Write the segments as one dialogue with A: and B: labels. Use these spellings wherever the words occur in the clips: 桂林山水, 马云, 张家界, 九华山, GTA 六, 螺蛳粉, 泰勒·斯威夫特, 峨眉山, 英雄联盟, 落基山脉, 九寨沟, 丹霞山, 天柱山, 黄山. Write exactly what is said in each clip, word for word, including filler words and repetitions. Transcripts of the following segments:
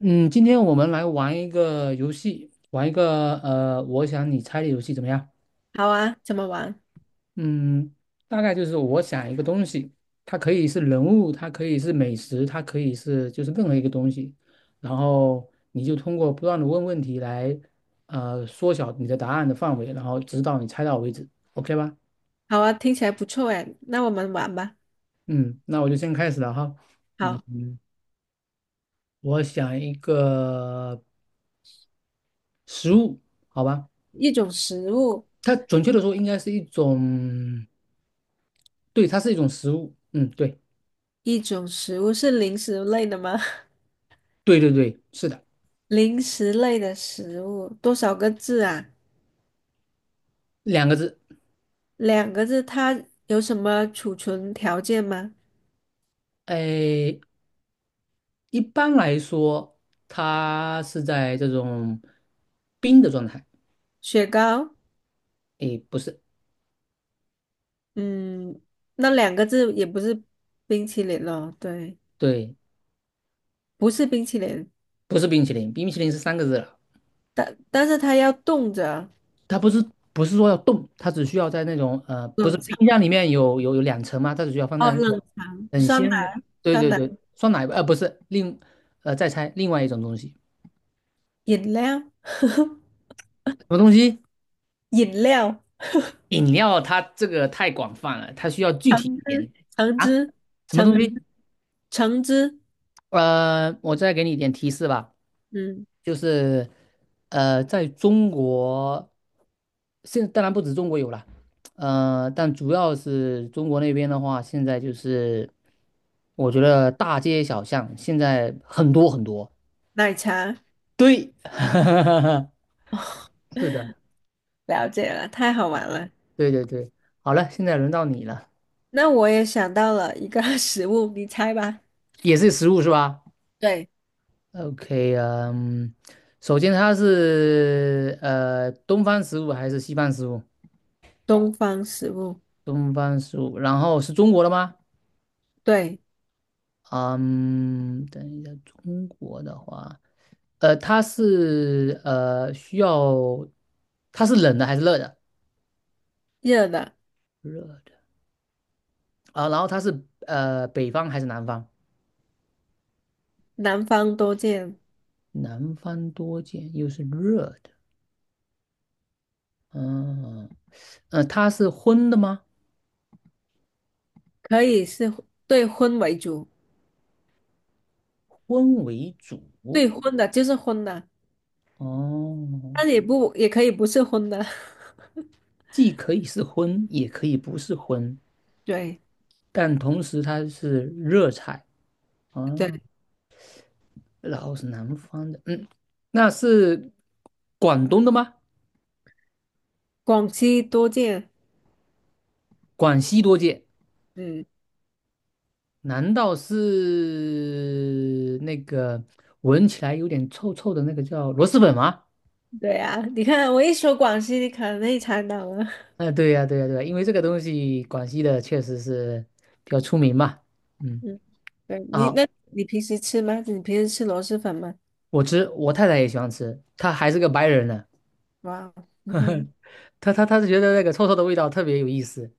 A: 嗯，今天我们来玩一个游戏，玩一个呃，我想你猜的游戏怎么样？
B: 好啊，怎么玩？
A: 嗯，大概就是我想一个东西，它可以是人物，它可以是美食，它可以是就是任何一个东西，然后你就通过不断的问问题来呃缩小你的答案的范围，然后直到你猜到为止，OK 吧？
B: 好啊，听起来不错哎，那我们玩吧。
A: 嗯，那我就先开始了哈。嗯
B: 好，
A: 嗯我想一个食物，好吧？
B: 一种食物。
A: 它准确的说应该是一种。对，它是一种食物。嗯，对，
B: 一种食物是零食类的吗？
A: 对对对，是的，
B: 零食类的食物，多少个字啊？
A: 两个字。
B: 两个字。它有什么储存条件吗？
A: 哎，一般来说，它是在这种冰的状态。
B: 雪糕。
A: 哎，不是，
B: 嗯，那两个字也不是冰淇淋咯？对，
A: 对，
B: 不是冰淇淋。
A: 不是冰淇淋，冰淇淋是三个字了。
B: 但但是它要冻着。
A: 它不是不是说要冻，它只需要在那种呃，不是
B: 冷藏？
A: 冰箱里面有有有两层嘛，它只需要放
B: 哦，
A: 在那
B: 冷
A: 种
B: 藏。
A: 很
B: 酸奶？
A: 鲜的，对
B: 酸
A: 对
B: 奶？
A: 对，酸奶吧，呃，不是，另呃再猜另外一种东西，
B: 饮料？
A: 什么东西？
B: 饮料。
A: 饮料它这个太广泛了，它需要具
B: 橙
A: 体一
B: 汁、
A: 点
B: 橙
A: 啊。
B: 汁、
A: 什么东
B: 橙汁、
A: 西？
B: 橙汁。
A: 呃，我再给你一点提示吧，
B: 嗯，
A: 就是呃，在中国，现在当然不止中国有了，呃，但主要是中国那边的话，现在就是我觉得大街小巷现在很多很多。
B: 奶茶？
A: 对，是的，
B: 了解了，太好玩了。
A: 对对对。好了，现在轮到你了，
B: 那我也想到了一个 食物，你猜吧。
A: 也是食物是吧？
B: 对，
A: OK 啊嗯，首先它是呃东方食物还是西方食物？
B: 东方食物。
A: 东方食物，然后是中国的吗？
B: 对，
A: 嗯，等一下，中国的话，呃，它是呃需要，它是冷的还是热的？
B: 热的。
A: 热的啊，然后它是呃北方还是南方？
B: 南方多见。
A: 南方多见，又是热的，嗯，呃，它是荤的吗？
B: 可以是荤，对，荤为主。
A: 荤为主，
B: 对，荤的就是荤的，
A: 哦。
B: 但也不，也可以不是荤的。
A: 既可以是荤，也可以不是荤，
B: 对
A: 但同时它是热菜啊，
B: 对，
A: 然后是南方的，嗯，那是广东的吗？
B: 广西多见。
A: 广西多见，
B: 嗯，
A: 难道是那个闻起来有点臭臭的那个叫螺蛳粉吗？
B: 对啊，你看我一说广西，你可能也猜到了。
A: 哎，对呀，对呀，对呀，因为这个东西广西的确实是比较出名嘛，嗯，
B: 嗯，对你，
A: 啊，
B: 那你平时吃吗？你平时吃螺蛳粉吗？
A: 我吃，我太太也喜欢吃，她还是个白人呢。
B: 哇。嗯哼。
A: 他他他是觉得那个臭臭的味道特别有意思，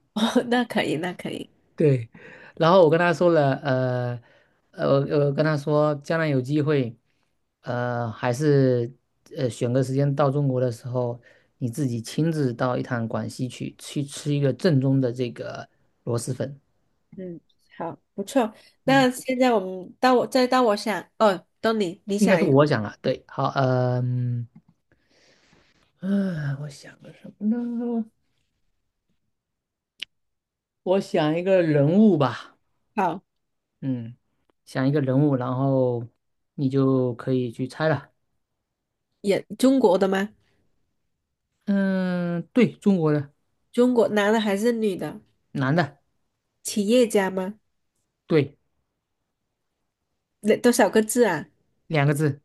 B: 哦，那可以，那可以。
A: 对。然后我跟他说了，呃，呃，呃，跟他说将来有机会，呃，还是呃选个时间到中国的时候，你自己亲自到一趟广西去，去吃一个正宗的这个螺蛳粉。
B: 嗯，好，不错。
A: 嗯，
B: 那现在我们到我，再到我想，哦，到你，你
A: 应该
B: 想
A: 是
B: 一个。
A: 我讲了，对，好，嗯、嗯啊我想个什么呢？我想一个人物吧，
B: 好，
A: 嗯，想一个人物，然后你就可以去猜了。
B: 也中国的吗？
A: 嗯，对，中国的
B: 中国男的还是女的？
A: 男的，
B: 企业家吗？
A: 对，
B: 那多少个字啊？
A: 两个字。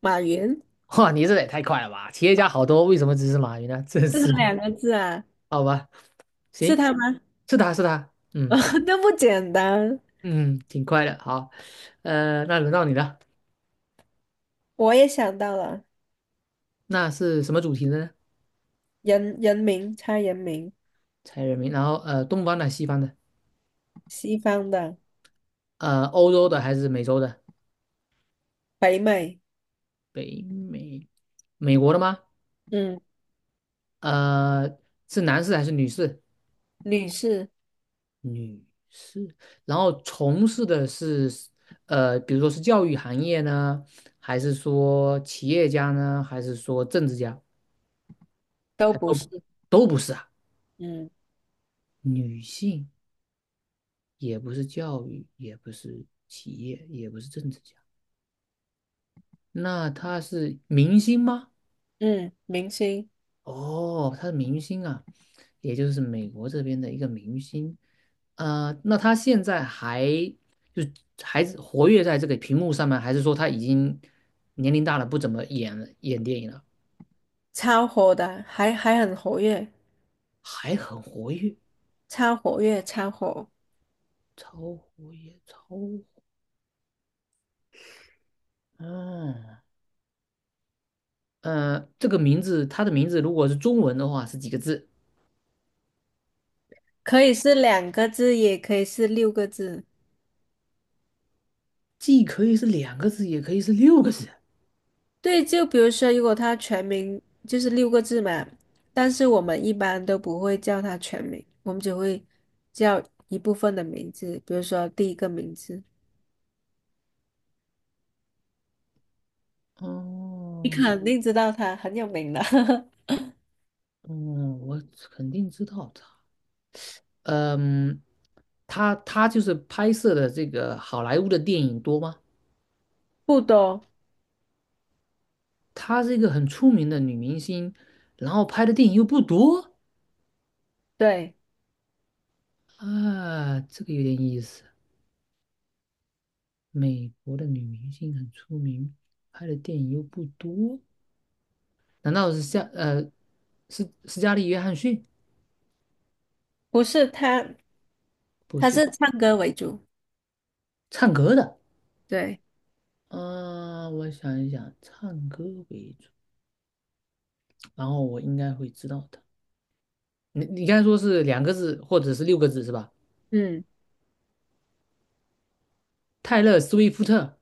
B: 马云。
A: 哇，你这也太快了吧！企业家好多，为什么只是马云呢？真
B: 是他
A: 是的，
B: 两个字啊？
A: 好吧，
B: 是
A: 行，
B: 他吗？
A: 是他是他，
B: 哦，
A: 嗯
B: 那不简单。
A: 嗯，挺快的。好，呃，那轮到你了，
B: 我也想到了。
A: 那是什么主题的呢？
B: 人人名猜人名。
A: 猜人名，然后呃，东方的、西方的，
B: 西方的。
A: 呃，欧洲的还是美洲的？
B: 北美。
A: 北美，美国的吗？
B: 嗯。
A: 呃，是男士还是女士？
B: 女士。
A: 女士，然后从事的是，呃，比如说是教育行业呢，还是说企业家呢，还是说政治家，
B: 都
A: 还
B: 不
A: 都
B: 是。
A: 都不是啊。
B: 嗯
A: 女性也不是教育，也不是企业，也不是政治家，那她是明星吗？
B: 嗯，明星。
A: 哦，他是明星啊，也就是美国这边的一个明星。呃，那他现在还就还活跃在这个屏幕上面，还是说他已经年龄大了，不怎么演了演电影了，
B: 超火的，还还很活跃。
A: 还很活跃，
B: 超活跃，超火。
A: 超活跃，超活嗯，呃，这个名字，他的名字如果是中文的话是几个字？
B: 可以是两个字，也可以是六个字。
A: 既可以是两个字，也可以是六个字。
B: 对，就比如说，如果他全名就是六个字嘛，但是我们一般都不会叫他全名，我们只会叫一部分的名字，比如说第一个名字，你
A: 哦，
B: 肯定知道他很有名的。
A: 嗯，我肯定知道，他。嗯，她她就是拍摄的这个好莱坞的电影多吗？
B: 不多。
A: 她是一个很出名的女明星，然后拍的电影又不多
B: 对，
A: 啊，这个有点意思。美国的女明星很出名，拍的电影又不多，难道是夏呃是斯嘉丽·约翰逊？
B: 不是他。
A: 不
B: 他
A: 是，
B: 是唱歌为主。
A: 唱歌的。
B: 对。
A: 啊，我想一想，唱歌为主，然后我应该会知道的。你你刚才说是两个字或者是六个字是吧？
B: 嗯。
A: 泰勒·斯威夫特。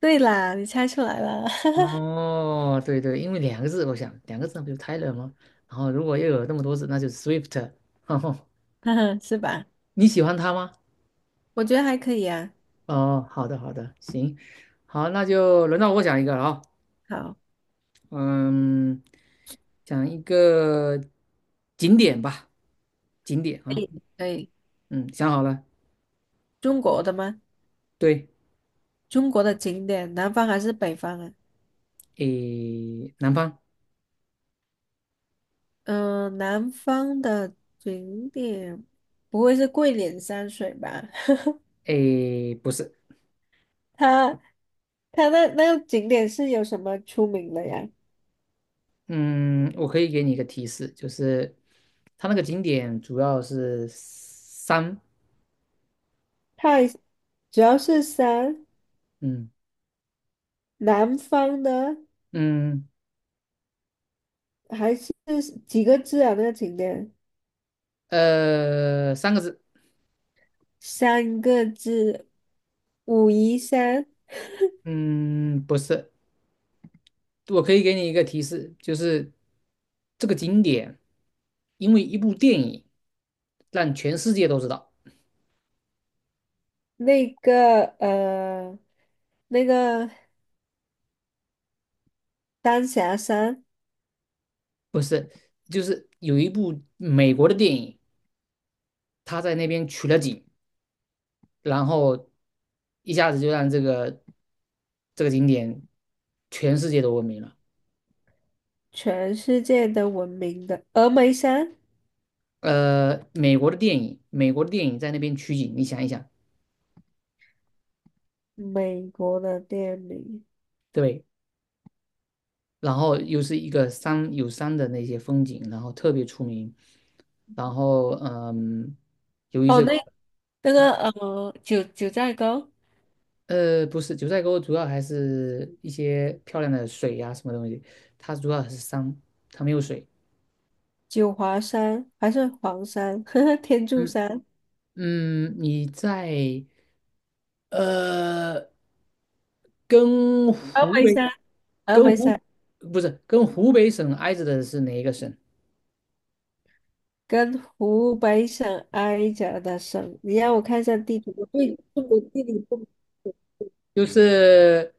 B: 对啦，你猜出来了。
A: 哦，对对，因为两个字，我想两个字那不就 Tyler 吗？然后如果又有那么多字，那就是 Swift。哈，
B: 是吧？
A: 你喜欢他吗？
B: 我觉得还可以啊。
A: 哦，好的好的，行，好，那就轮到我讲一个了啊、
B: 好，
A: 嗯，讲一个景点吧，景点
B: 可
A: 啊，
B: 以可以。
A: 嗯，想好了，
B: 中国的吗？
A: 对，
B: 中国的景点，南方还是北方啊？
A: 诶，南方，
B: 嗯，南方的景点，不会是桂林山水吧？
A: 诶，不是，
B: 它它那那个景点是有什么出名的呀？
A: 嗯，我可以给你一个提示，就是它那个景点主要是山，
B: 太主要是山。
A: 嗯。
B: 南方的。
A: 嗯，
B: 还是几个字啊？那个景点
A: 呃，三个字，
B: 三个字，武夷山。
A: 嗯，不是，我可以给你一个提示，就是这个景点，因为一部电影让全世界都知道，
B: 那个呃，那个丹霞山。
A: 不是，就是有一部美国的电影，他在那边取了景，然后一下子就让这个这个景点全世界都闻名了。
B: 全世界都闻名的峨眉山。
A: 呃，美国的电影，美国的电影在那边取景，你想一想，
B: 美国的店名。
A: 对。然后又是一个山有山的那些风景，然后特别出名。然后嗯，由于
B: 哦，
A: 这
B: 那
A: 个
B: 那个呃，九九寨沟、
A: 呃不是九寨沟，主要还是一些漂亮的水呀、什么东西，它主要还是山，它没有水。
B: 九华山还是黄山、天柱
A: 嗯
B: 山、
A: 嗯，你在呃跟
B: 峨
A: 湖
B: 眉
A: 北
B: 山、峨
A: 跟
B: 眉
A: 湖
B: 山
A: 不是跟湖北省挨着的是哪一个省？
B: 跟湖北省挨着的省。你让我看一下地图，我对中国地理不。
A: 就是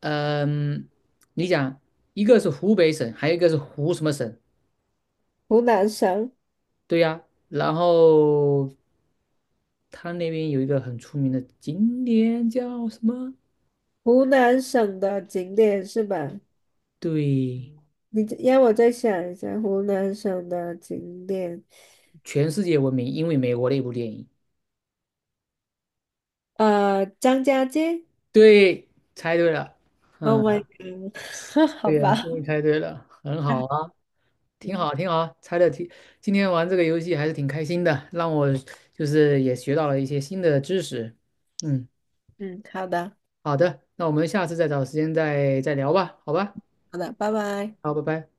A: 呃嗯，你讲一个是湖北省，还有一个是湖什么省？
B: 湖南省？
A: 对呀，然后他那边有一个很出名的景点叫什么？
B: 湖南省的景点是吧？
A: 对，
B: 你让我再想一下湖南省的景点。
A: 全世界闻名，因为美国的一部电影。
B: 呃，张家界。
A: 对，猜对了。
B: Oh my god！好
A: 对呀，
B: 吧，
A: 终于猜对了，很好 啊，挺
B: 嗯
A: 好，挺好啊，猜的挺。今天玩这个游戏还是挺开心的，让我就是也学到了一些新的知识。嗯，
B: 嗯，好的
A: 好的，那我们下次再找时间再再聊吧，好吧？
B: 好的，拜拜。
A: 好，拜拜。